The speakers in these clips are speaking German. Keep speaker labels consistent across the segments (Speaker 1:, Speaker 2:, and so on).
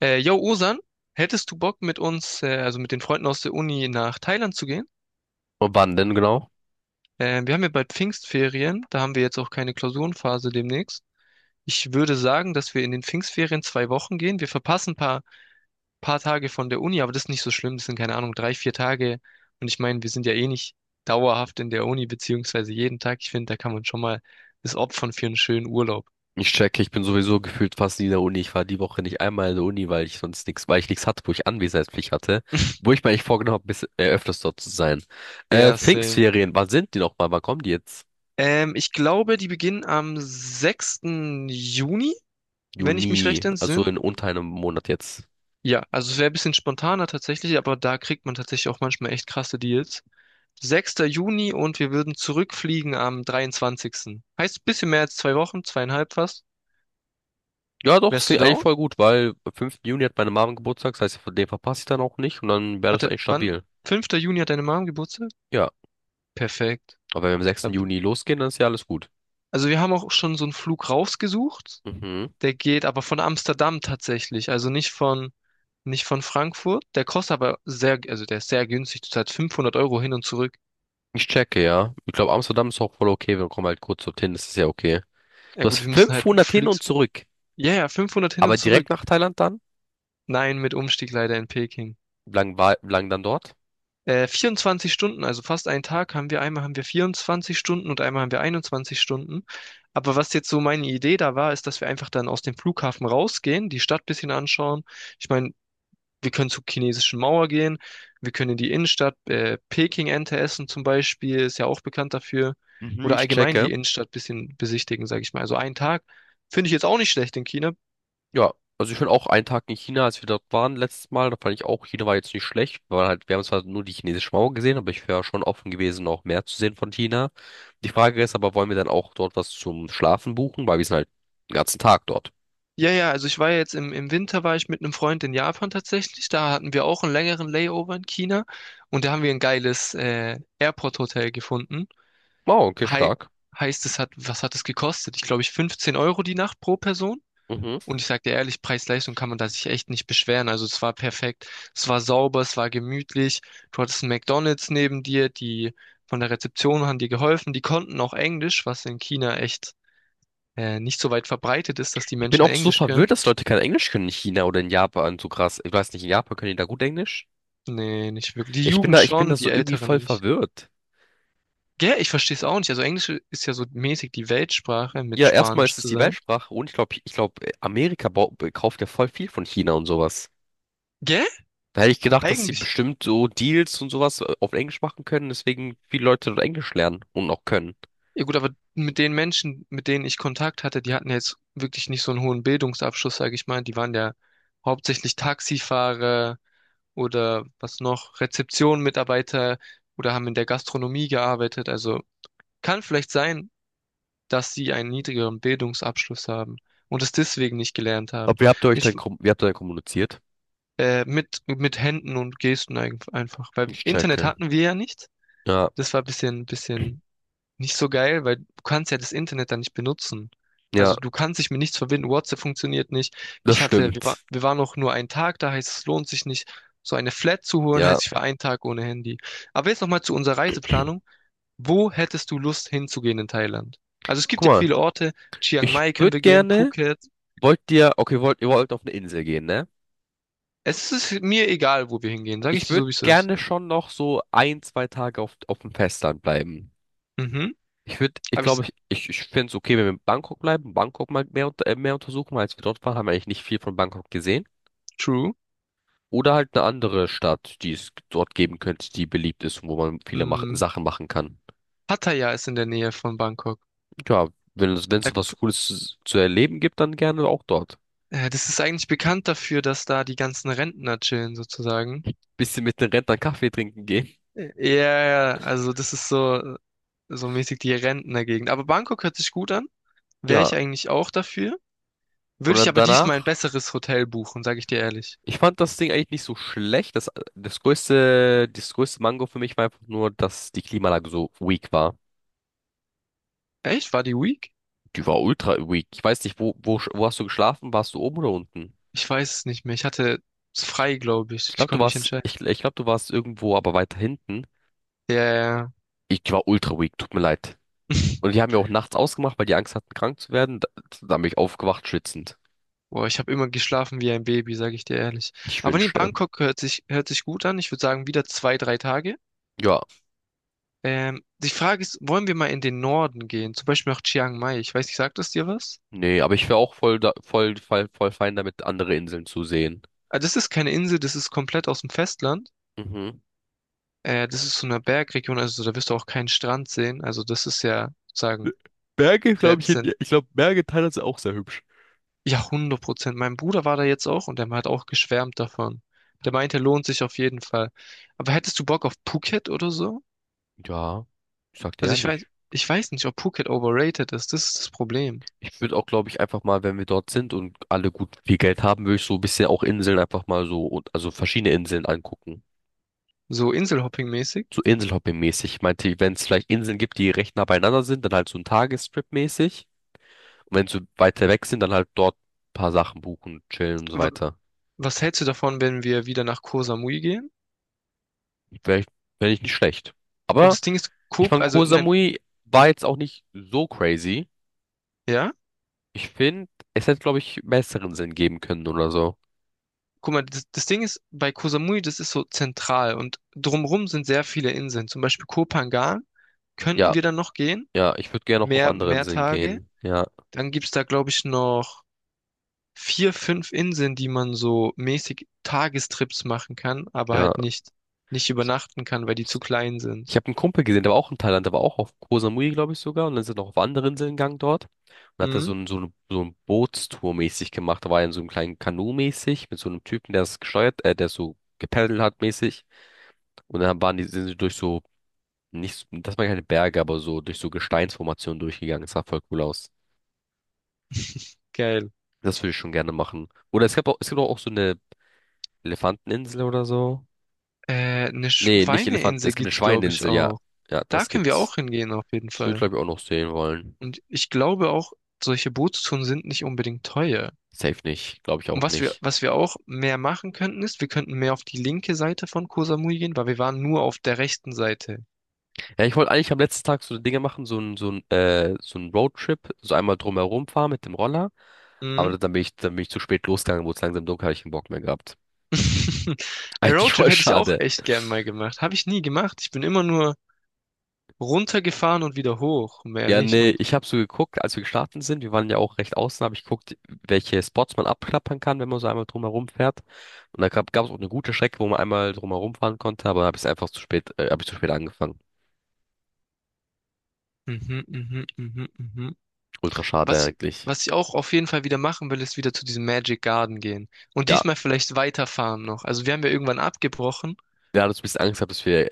Speaker 1: Yo, Osan, hättest du Bock mit uns, also mit den Freunden aus der Uni nach Thailand zu gehen?
Speaker 2: Wann denn genau?
Speaker 1: Wir haben ja bald Pfingstferien, da haben wir jetzt auch keine Klausurenphase demnächst. Ich würde sagen, dass wir in den Pfingstferien 2 Wochen gehen. Wir verpassen ein paar Tage von der Uni, aber das ist nicht so schlimm. Das sind, keine Ahnung, drei, vier Tage. Und ich meine, wir sind ja eh nicht dauerhaft in der Uni, beziehungsweise jeden Tag. Ich finde, da kann man schon mal das opfern für einen schönen Urlaub.
Speaker 2: Ich checke, ich bin sowieso gefühlt fast nie in der Uni. Ich war die Woche nicht einmal in der Uni, weil ich sonst nichts, weil ich nichts hatte, wo ich Anwesenheitspflicht hatte, wo ich mir eigentlich vorgenommen habe, bis, öfters dort zu sein.
Speaker 1: Ja, same.
Speaker 2: Pfingstferien, wann sind die nochmal? Wann kommen die jetzt?
Speaker 1: Ich glaube, die beginnen am 6. Juni. Wenn ich mich recht
Speaker 2: Juni, also
Speaker 1: entsinne,
Speaker 2: in unter einem Monat jetzt.
Speaker 1: ja, also es wäre ein bisschen spontaner tatsächlich, aber da kriegt man tatsächlich auch manchmal echt krasse Deals. 6. Juni und wir würden zurückfliegen am 23. Heißt ein bisschen mehr als 2 Wochen, zweieinhalb fast.
Speaker 2: Ja, doch, es
Speaker 1: Wärst du
Speaker 2: klingt eigentlich
Speaker 1: down?
Speaker 2: voll gut, weil am 5. Juni hat meine Mom Geburtstag, das heißt, von dem verpasse ich dann auch nicht und dann wäre das
Speaker 1: Warte,
Speaker 2: eigentlich
Speaker 1: wann?
Speaker 2: stabil.
Speaker 1: 5. Juni hat deine Mom Geburtstag?
Speaker 2: Ja,
Speaker 1: Perfekt.
Speaker 2: aber wenn wir am sechsten
Speaker 1: Ab-
Speaker 2: Juni losgehen, dann ist ja alles gut.
Speaker 1: Also wir haben auch schon so einen Flug rausgesucht.
Speaker 2: Mhm.
Speaker 1: Der geht aber von Amsterdam tatsächlich, also nicht von Frankfurt. Der kostet aber sehr, also der ist sehr günstig. Du zahlst 500 € hin und zurück.
Speaker 2: Ich checke, ja. Ich glaube, Amsterdam ist auch voll okay, wir kommen halt kurz dorthin, das ist ja okay.
Speaker 1: Ja
Speaker 2: Du hast
Speaker 1: gut, wir müssen halt
Speaker 2: 500 hin und
Speaker 1: fliegen.
Speaker 2: zurück,
Speaker 1: Ja, ja, 500 hin
Speaker 2: aber
Speaker 1: und
Speaker 2: direkt
Speaker 1: zurück.
Speaker 2: nach Thailand dann?
Speaker 1: Nein, mit Umstieg leider in Peking.
Speaker 2: Wie lang, war, wie lang dann dort?
Speaker 1: 24 Stunden, also fast einen Tag haben wir, einmal haben wir 24 Stunden und einmal haben wir 21 Stunden. Aber was jetzt so meine Idee da war, ist, dass wir einfach dann aus dem Flughafen rausgehen, die Stadt ein bisschen anschauen. Ich meine, wir können zur chinesischen Mauer gehen, wir können in die Innenstadt, Peking Ente essen zum Beispiel, ist ja auch bekannt dafür.
Speaker 2: Mhm,
Speaker 1: Oder
Speaker 2: ich
Speaker 1: allgemein die
Speaker 2: checke.
Speaker 1: Innenstadt ein bisschen besichtigen, sage ich mal. Also einen Tag finde ich jetzt auch nicht schlecht in China.
Speaker 2: Ja, also ich bin auch einen Tag in China, als wir dort waren letztes Mal. Da fand ich auch, China war jetzt nicht schlecht. Wir waren halt, wir haben zwar nur die chinesische Mauer gesehen, aber ich wäre schon offen gewesen, noch mehr zu sehen von China. Die Frage ist aber, wollen wir dann auch dort was zum Schlafen buchen? Weil wir sind halt den ganzen Tag dort.
Speaker 1: Ja, ja, also ich war ja jetzt im Winter, war ich mit einem Freund in Japan tatsächlich. Da hatten wir auch einen längeren Layover in China und da haben wir ein geiles Airport-Hotel gefunden.
Speaker 2: Wow, okay,
Speaker 1: Hei
Speaker 2: stark.
Speaker 1: heißt, was hat es gekostet? Ich glaube, ich 15 € die Nacht pro Person.
Speaker 2: Mhm.
Speaker 1: Und ich sag dir ehrlich, Preis-Leistung kann man da sich echt nicht beschweren. Also es war perfekt, es war sauber, es war gemütlich. Du hattest einen McDonald's neben dir, die von der Rezeption haben dir geholfen. Die konnten auch Englisch, was in China echt nicht so weit verbreitet ist, dass die
Speaker 2: Ich bin
Speaker 1: Menschen
Speaker 2: auch so
Speaker 1: Englisch
Speaker 2: verwirrt,
Speaker 1: können.
Speaker 2: dass Leute kein Englisch können in China oder in Japan. So krass. Ich weiß nicht, in Japan können die da gut Englisch?
Speaker 1: Nee, nicht wirklich. Die Jugend
Speaker 2: Ich bin
Speaker 1: schon,
Speaker 2: da
Speaker 1: die
Speaker 2: so irgendwie
Speaker 1: Älteren
Speaker 2: voll
Speaker 1: nicht.
Speaker 2: verwirrt.
Speaker 1: Gell, ich verstehe es auch nicht. Also Englisch ist ja so mäßig die Weltsprache mit
Speaker 2: Ja, erstmal
Speaker 1: Spanisch
Speaker 2: ist es die
Speaker 1: zusammen.
Speaker 2: Weltsprache und ich glaube, Amerika bau- kauft ja voll viel von China und sowas.
Speaker 1: Gell?
Speaker 2: Da hätte ich gedacht, dass sie
Speaker 1: Eigentlich.
Speaker 2: bestimmt so Deals und sowas auf Englisch machen können, deswegen viele Leute dort Englisch lernen und auch können.
Speaker 1: Ja gut, aber mit den Menschen, mit denen ich Kontakt hatte, die hatten ja jetzt wirklich nicht so einen hohen Bildungsabschluss, sage ich mal. Die waren ja hauptsächlich Taxifahrer oder was noch, Rezeption-Mitarbeiter oder haben in der Gastronomie gearbeitet. Also kann vielleicht sein, dass sie einen niedrigeren Bildungsabschluss haben und es deswegen nicht gelernt haben.
Speaker 2: Aber wie habt ihr euch
Speaker 1: Ich
Speaker 2: dann, kom- wie habt ihr dann kommuniziert?
Speaker 1: mit Händen und Gesten einfach. Weil
Speaker 2: Ich
Speaker 1: Internet
Speaker 2: checke.
Speaker 1: hatten wir ja nicht.
Speaker 2: Ja,
Speaker 1: Das war ein bisschen nicht so geil, weil du kannst ja das Internet dann nicht benutzen.
Speaker 2: ja,
Speaker 1: Also du kannst dich mit nichts verbinden, WhatsApp funktioniert nicht.
Speaker 2: das
Speaker 1: Ich hatte, wir, war,
Speaker 2: stimmt.
Speaker 1: wir waren noch nur einen Tag da, heißt es lohnt sich nicht, so eine Flat zu holen,
Speaker 2: Ja.
Speaker 1: heißt ich war einen Tag ohne Handy. Aber jetzt nochmal zu unserer Reiseplanung. Wo hättest du Lust hinzugehen in Thailand? Also es
Speaker 2: Guck
Speaker 1: gibt ja
Speaker 2: mal,
Speaker 1: viele Orte, Chiang
Speaker 2: ich
Speaker 1: Mai können
Speaker 2: würde
Speaker 1: wir gehen,
Speaker 2: gerne,
Speaker 1: Phuket.
Speaker 2: wollt ihr, okay, wollt, ihr wollt auf eine Insel gehen, ne?
Speaker 1: Es ist mir egal, wo wir hingehen, sage ich
Speaker 2: Ich
Speaker 1: dir
Speaker 2: würde
Speaker 1: so, wie es ist.
Speaker 2: gerne schon noch so ein, zwei Tage auf dem Festland bleiben.
Speaker 1: Mhm.
Speaker 2: Ich würde, ich
Speaker 1: Aber ich,
Speaker 2: glaube, ich finde es okay, wenn wir in Bangkok bleiben, Bangkok mal mehr, unter- mehr untersuchen, weil als wir dort waren, haben wir eigentlich nicht viel von Bangkok gesehen.
Speaker 1: True.
Speaker 2: Oder halt eine andere Stadt, die es dort geben könnte, die beliebt ist und wo man viele mach
Speaker 1: Mm,
Speaker 2: Sachen machen kann.
Speaker 1: Pattaya ist in der Nähe von Bangkok.
Speaker 2: Ja, wenn es, wenn
Speaker 1: Da,
Speaker 2: es was Cooles zu erleben gibt, dann gerne auch dort.
Speaker 1: das ist eigentlich bekannt dafür, dass da die ganzen Rentner chillen, sozusagen.
Speaker 2: Bisschen mit den Rentnern Kaffee trinken gehen.
Speaker 1: Ja, ja, also das ist so mäßig die Rentnergegend. Aber Bangkok hört sich gut an. Wäre
Speaker 2: Ja,
Speaker 1: ich eigentlich auch dafür.
Speaker 2: und
Speaker 1: Würde ich
Speaker 2: dann
Speaker 1: aber diesmal ein
Speaker 2: danach,
Speaker 1: besseres Hotel buchen, sage ich dir ehrlich.
Speaker 2: ich fand das Ding eigentlich nicht so schlecht. Das, das größte Mango für mich war einfach nur, dass die Klimaanlage so weak war.
Speaker 1: Echt? War die Week?
Speaker 2: Die war ultra weak. Ich weiß nicht, sch- wo hast du geschlafen? Warst du oben oder unten?
Speaker 1: Ich weiß es nicht mehr. Ich hatte es
Speaker 2: Ich,
Speaker 1: frei, glaube
Speaker 2: ich
Speaker 1: ich. Ich
Speaker 2: glaube, du
Speaker 1: konnte mich
Speaker 2: warst,
Speaker 1: entscheiden.
Speaker 2: ich glaube, du warst irgendwo, aber weiter hinten.
Speaker 1: Ja, ja.
Speaker 2: Ich war ultra weak, tut mir leid. Und die haben ja auch nachts ausgemacht, weil die Angst hatten, krank zu werden. Da, da bin ich aufgewacht, schwitzend.
Speaker 1: Boah, ich habe immer geschlafen wie ein Baby, sage ich dir ehrlich.
Speaker 2: Ich
Speaker 1: Aber nee,
Speaker 2: wünschte.
Speaker 1: Bangkok hört sich gut an. Ich würde sagen, wieder 2, 3 Tage.
Speaker 2: Ja,
Speaker 1: Die Frage ist, wollen wir mal in den Norden gehen? Zum Beispiel nach Chiang Mai. Ich weiß nicht, sagt das dir was?
Speaker 2: nee, aber ich wäre auch voll, da, voll fein damit, andere Inseln zu sehen.
Speaker 1: Ah, das ist keine Insel, das ist komplett aus dem Festland.
Speaker 2: Mhm.
Speaker 1: Das ist so eine Bergregion, also da wirst du auch keinen Strand sehen. Also das ist ja, sagen,
Speaker 2: Berge, glaube
Speaker 1: sehr
Speaker 2: ich, in-
Speaker 1: zent
Speaker 2: ich glaube, Berge in Thailand sind auch sehr hübsch.
Speaker 1: ja, 100%. Mein Bruder war da jetzt auch und der hat auch geschwärmt davon. Der meinte, lohnt sich auf jeden Fall. Aber hättest du Bock auf Phuket oder so?
Speaker 2: Ja, ich sag dir
Speaker 1: Also ich weiß,
Speaker 2: ehrlich.
Speaker 1: ich weiß nicht, ob Phuket overrated ist. Das ist das Problem.
Speaker 2: Ich würde auch, glaube ich, einfach mal, wenn wir dort sind und alle gut viel Geld haben, würde ich so ein bisschen auch Inseln einfach mal so, und also verschiedene Inseln angucken.
Speaker 1: So Inselhopping-mäßig.
Speaker 2: So Inselhopping-mäßig. Ich meinte, wenn es vielleicht Inseln gibt, die recht nah beieinander sind, dann halt so ein Tagestrip-mäßig. Und wenn sie weiter weg sind, dann halt dort ein paar Sachen buchen, chillen und so
Speaker 1: Wa-
Speaker 2: weiter.
Speaker 1: Was hältst du davon, wenn wir wieder nach Koh Samui gehen?
Speaker 2: Wäre ich, wär ich nicht schlecht.
Speaker 1: Und
Speaker 2: Aber
Speaker 1: das Ding ist,
Speaker 2: ich
Speaker 1: Koh,
Speaker 2: fand
Speaker 1: also
Speaker 2: Koh
Speaker 1: nein,
Speaker 2: Samui war jetzt auch nicht so crazy.
Speaker 1: ja,
Speaker 2: Ich finde, es hätte, glaube ich, besseren Sinn geben können oder so.
Speaker 1: guck mal, das Ding ist, bei Koh Samui, das ist so zentral und drumrum sind sehr viele Inseln. Zum Beispiel Koh Phangan könnten
Speaker 2: Ja,
Speaker 1: wir dann noch gehen,
Speaker 2: ja, ich würde gerne auch auf
Speaker 1: mehr,
Speaker 2: andere
Speaker 1: mehr
Speaker 2: Inseln
Speaker 1: Tage.
Speaker 2: gehen. Ja,
Speaker 1: Dann gibt's da, glaube ich, noch vier, fünf Inseln, die man so mäßig Tagestrips machen kann, aber
Speaker 2: ja.
Speaker 1: halt nicht übernachten kann, weil die zu klein sind.
Speaker 2: Ich habe einen Kumpel gesehen, der war auch in Thailand, der war auch auf Koh Samui, glaube ich sogar. Und dann sind noch auf andere Inseln gegangen dort. Und hat da
Speaker 1: Mhm,
Speaker 2: so ein, so ein Bootstour mäßig gemacht. Da war er in so einem kleinen Kanu mäßig mit so einem Typen, der es gesteuert, der so gepaddelt hat mäßig. Und dann waren die, sind sie durch so, nicht, so- das waren keine Berge, aber so durch so Gesteinsformationen durchgegangen. Das sah voll cool aus.
Speaker 1: geil.
Speaker 2: Das würde ich schon gerne machen. Oder es gab auch, es gibt auch so eine Elefanteninsel oder so.
Speaker 1: Eine
Speaker 2: Nee, nicht Elefanten,
Speaker 1: Schweineinsel
Speaker 2: es gibt eine
Speaker 1: gibt's, glaube ich,
Speaker 2: Schweineinsel, ja.
Speaker 1: auch.
Speaker 2: Ja,
Speaker 1: Da
Speaker 2: das
Speaker 1: können wir
Speaker 2: gibt's.
Speaker 1: auch hingehen, auf jeden
Speaker 2: Das würde ich,
Speaker 1: Fall.
Speaker 2: glaube ich, auch noch sehen wollen.
Speaker 1: Und ich glaube auch, solche Bootstouren sind nicht unbedingt teuer.
Speaker 2: Safe nicht, glaube ich
Speaker 1: Und
Speaker 2: auch
Speaker 1: was wir,
Speaker 2: nicht.
Speaker 1: was wir auch mehr machen könnten, ist, wir könnten mehr auf die linke Seite von Koh Samui gehen, weil wir waren nur auf der rechten Seite.
Speaker 2: Ja, ich wollte eigentlich am letzten Tag so Dinge machen, so ein, so ein Roadtrip, so einmal drumherum fahren mit dem Roller,
Speaker 1: Mhm.
Speaker 2: aber dann bin ich zu spät losgegangen, wurde es langsam dunkel, habe ich keinen Bock mehr gehabt.
Speaker 1: Ein
Speaker 2: Eigentlich
Speaker 1: Roadtrip
Speaker 2: voll
Speaker 1: hätte ich auch
Speaker 2: schade.
Speaker 1: echt gern mal gemacht. Habe ich nie gemacht. Ich bin immer nur runtergefahren und wieder hoch. Mehr
Speaker 2: Ja,
Speaker 1: nicht.
Speaker 2: nee,
Speaker 1: Und
Speaker 2: ich habe so geguckt, als wir gestartet sind, wir waren ja auch recht außen, habe ich geguckt, welche Spots man abklappern kann, wenn man so einmal drumherum fährt. Und da gab es auch eine gute Strecke, wo man einmal drumherum fahren konnte, aber habe ich einfach zu spät, habe ich zu spät angefangen.
Speaker 1: mhm, mhm, mhm, mhm.
Speaker 2: Ultra schade
Speaker 1: Was,
Speaker 2: eigentlich.
Speaker 1: was ich auch auf jeden Fall wieder machen will, ist wieder zu diesem Magic Garden gehen. Und
Speaker 2: Ja,
Speaker 1: diesmal vielleicht weiterfahren noch. Also wir haben ja irgendwann abgebrochen.
Speaker 2: wir hatten uns ein bisschen Angst gehabt, dass wir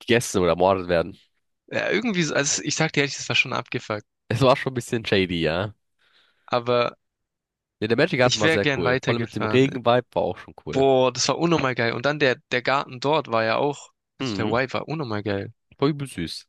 Speaker 2: gegessen oder ermordet werden.
Speaker 1: Ja, irgendwie so, also ich sag dir ehrlich, das war schon abgefuckt.
Speaker 2: Es war schon ein bisschen shady, ja.
Speaker 1: Aber
Speaker 2: Nee, der Magic Garden
Speaker 1: ich
Speaker 2: war
Speaker 1: wäre
Speaker 2: sehr
Speaker 1: gern
Speaker 2: cool. Vor allem mit dem
Speaker 1: weitergefahren.
Speaker 2: Regen-Vibe war auch schon cool.
Speaker 1: Boah, das war unnormal geil. Und dann der Garten dort war ja auch, also der
Speaker 2: Mhm.
Speaker 1: Y war unnormal geil.
Speaker 2: War übel süß.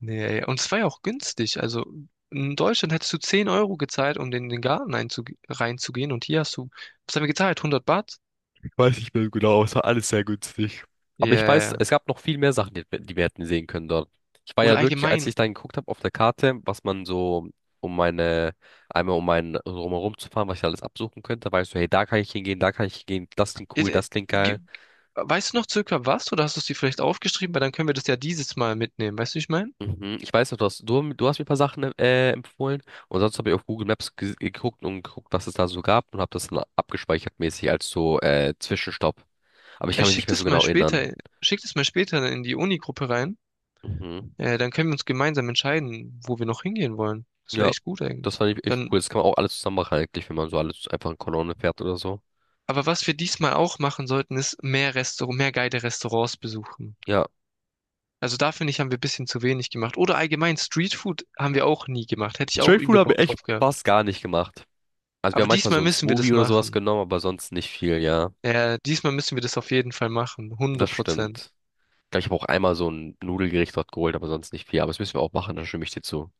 Speaker 1: Nee, ey, und es war ja auch günstig. Also in Deutschland hättest du 10 € gezahlt, um in den Garten einzu reinzugehen. Und hier hast du, was haben wir gezahlt? 100 Baht?
Speaker 2: Ich weiß nicht mehr genau, es war alles sehr günstig. Aber ich weiß,
Speaker 1: Yeah.
Speaker 2: es gab noch viel mehr Sachen, die wir hätten sehen können dort. Ich war
Speaker 1: Oder
Speaker 2: ja wirklich, als
Speaker 1: allgemein.
Speaker 2: ich dann geguckt habe auf der Karte, was man so um meine, einmal um meinen so drumherum zu fahren, was ich alles absuchen könnte, weißt du, hey, da kann ich hingehen, da kann ich hingehen, das klingt cool,
Speaker 1: Äh,
Speaker 2: das klingt geil.
Speaker 1: ge- Weißt du noch circa was? Oder hast du es dir vielleicht aufgeschrieben? Weil dann können wir das ja dieses Mal mitnehmen. Weißt du, wie ich meine?
Speaker 2: Mhm. Ich weiß noch, du hast, du hast mir ein paar Sachen empfohlen und sonst habe ich auf Google Maps ge geguckt und geguckt, was es da so gab und habe das dann abgespeichert mäßig als so Zwischenstopp. Aber ich
Speaker 1: Er
Speaker 2: kann mich nicht
Speaker 1: schickt
Speaker 2: mehr so
Speaker 1: es mal
Speaker 2: genau erinnern.
Speaker 1: später, schickt es mal später in die Uni-Gruppe rein.
Speaker 2: Mhm.
Speaker 1: Dann können wir uns gemeinsam entscheiden, wo wir noch hingehen wollen. Das wäre
Speaker 2: Ja,
Speaker 1: echt gut
Speaker 2: das
Speaker 1: eigentlich.
Speaker 2: fand ich echt
Speaker 1: Dann,
Speaker 2: cool. Das kann man auch alles zusammen machen eigentlich, wenn man so alles einfach in Kolonne fährt oder so.
Speaker 1: aber was wir diesmal auch machen sollten, ist mehr Restaurant, mehr geile Restaurants besuchen.
Speaker 2: Ja,
Speaker 1: Also da finde ich, haben wir ein bisschen zu wenig gemacht. Oder allgemein Streetfood haben wir auch nie gemacht. Hätte ich auch
Speaker 2: Street Food
Speaker 1: übel
Speaker 2: habe ich
Speaker 1: Bock
Speaker 2: echt
Speaker 1: drauf gehabt.
Speaker 2: fast gar nicht gemacht. Also wir haben
Speaker 1: Aber
Speaker 2: manchmal
Speaker 1: diesmal
Speaker 2: so ein
Speaker 1: müssen wir das
Speaker 2: Smoothie oder sowas
Speaker 1: machen.
Speaker 2: genommen, aber sonst nicht viel, ja.
Speaker 1: Ja, diesmal müssen wir das auf jeden Fall machen.
Speaker 2: Das
Speaker 1: Hundert Prozent.
Speaker 2: stimmt. Ich glaube, ich habe auch einmal so ein Nudelgericht dort geholt, aber sonst nicht viel. Aber das müssen wir auch machen, da stimme ich dir zu.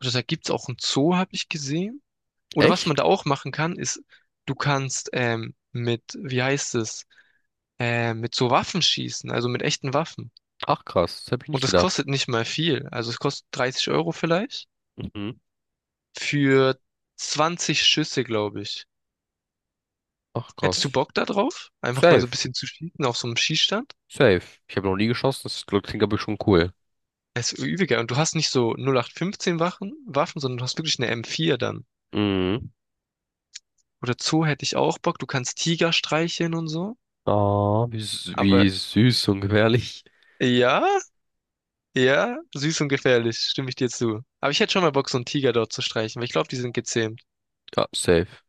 Speaker 1: Und da gibt's auch einen Zoo, habe ich gesehen. Oder was
Speaker 2: Echt?
Speaker 1: man da auch machen kann, ist, du kannst mit, wie heißt es, mit so Waffen schießen, also mit echten Waffen.
Speaker 2: Ach krass, das habe ich
Speaker 1: Und
Speaker 2: nicht
Speaker 1: das
Speaker 2: gedacht.
Speaker 1: kostet nicht mal viel. Also es kostet 30 € vielleicht
Speaker 2: Mhm.
Speaker 1: für 20 Schüsse, glaube ich.
Speaker 2: Ach
Speaker 1: Hättest du
Speaker 2: krass.
Speaker 1: Bock da drauf? Einfach mal so ein
Speaker 2: Safe.
Speaker 1: bisschen zu schießen auf so einem Schießstand?
Speaker 2: Safe. Ich habe noch nie geschossen, das klingt aber schon cool.
Speaker 1: Es ist übiger. Und du hast nicht so 0815 Waffen, sondern du hast wirklich eine M4 dann.
Speaker 2: Mhm.
Speaker 1: Oder Zoo hätte ich auch Bock. Du kannst Tiger streicheln und so.
Speaker 2: Ah, wie, s-
Speaker 1: Aber
Speaker 2: wie süß und gefährlich.
Speaker 1: ja, ja, süß und gefährlich, stimme ich dir zu. Aber ich hätte schon mal Bock, so einen Tiger dort zu streichen, weil ich glaube, die sind gezähmt.
Speaker 2: Ja, safe.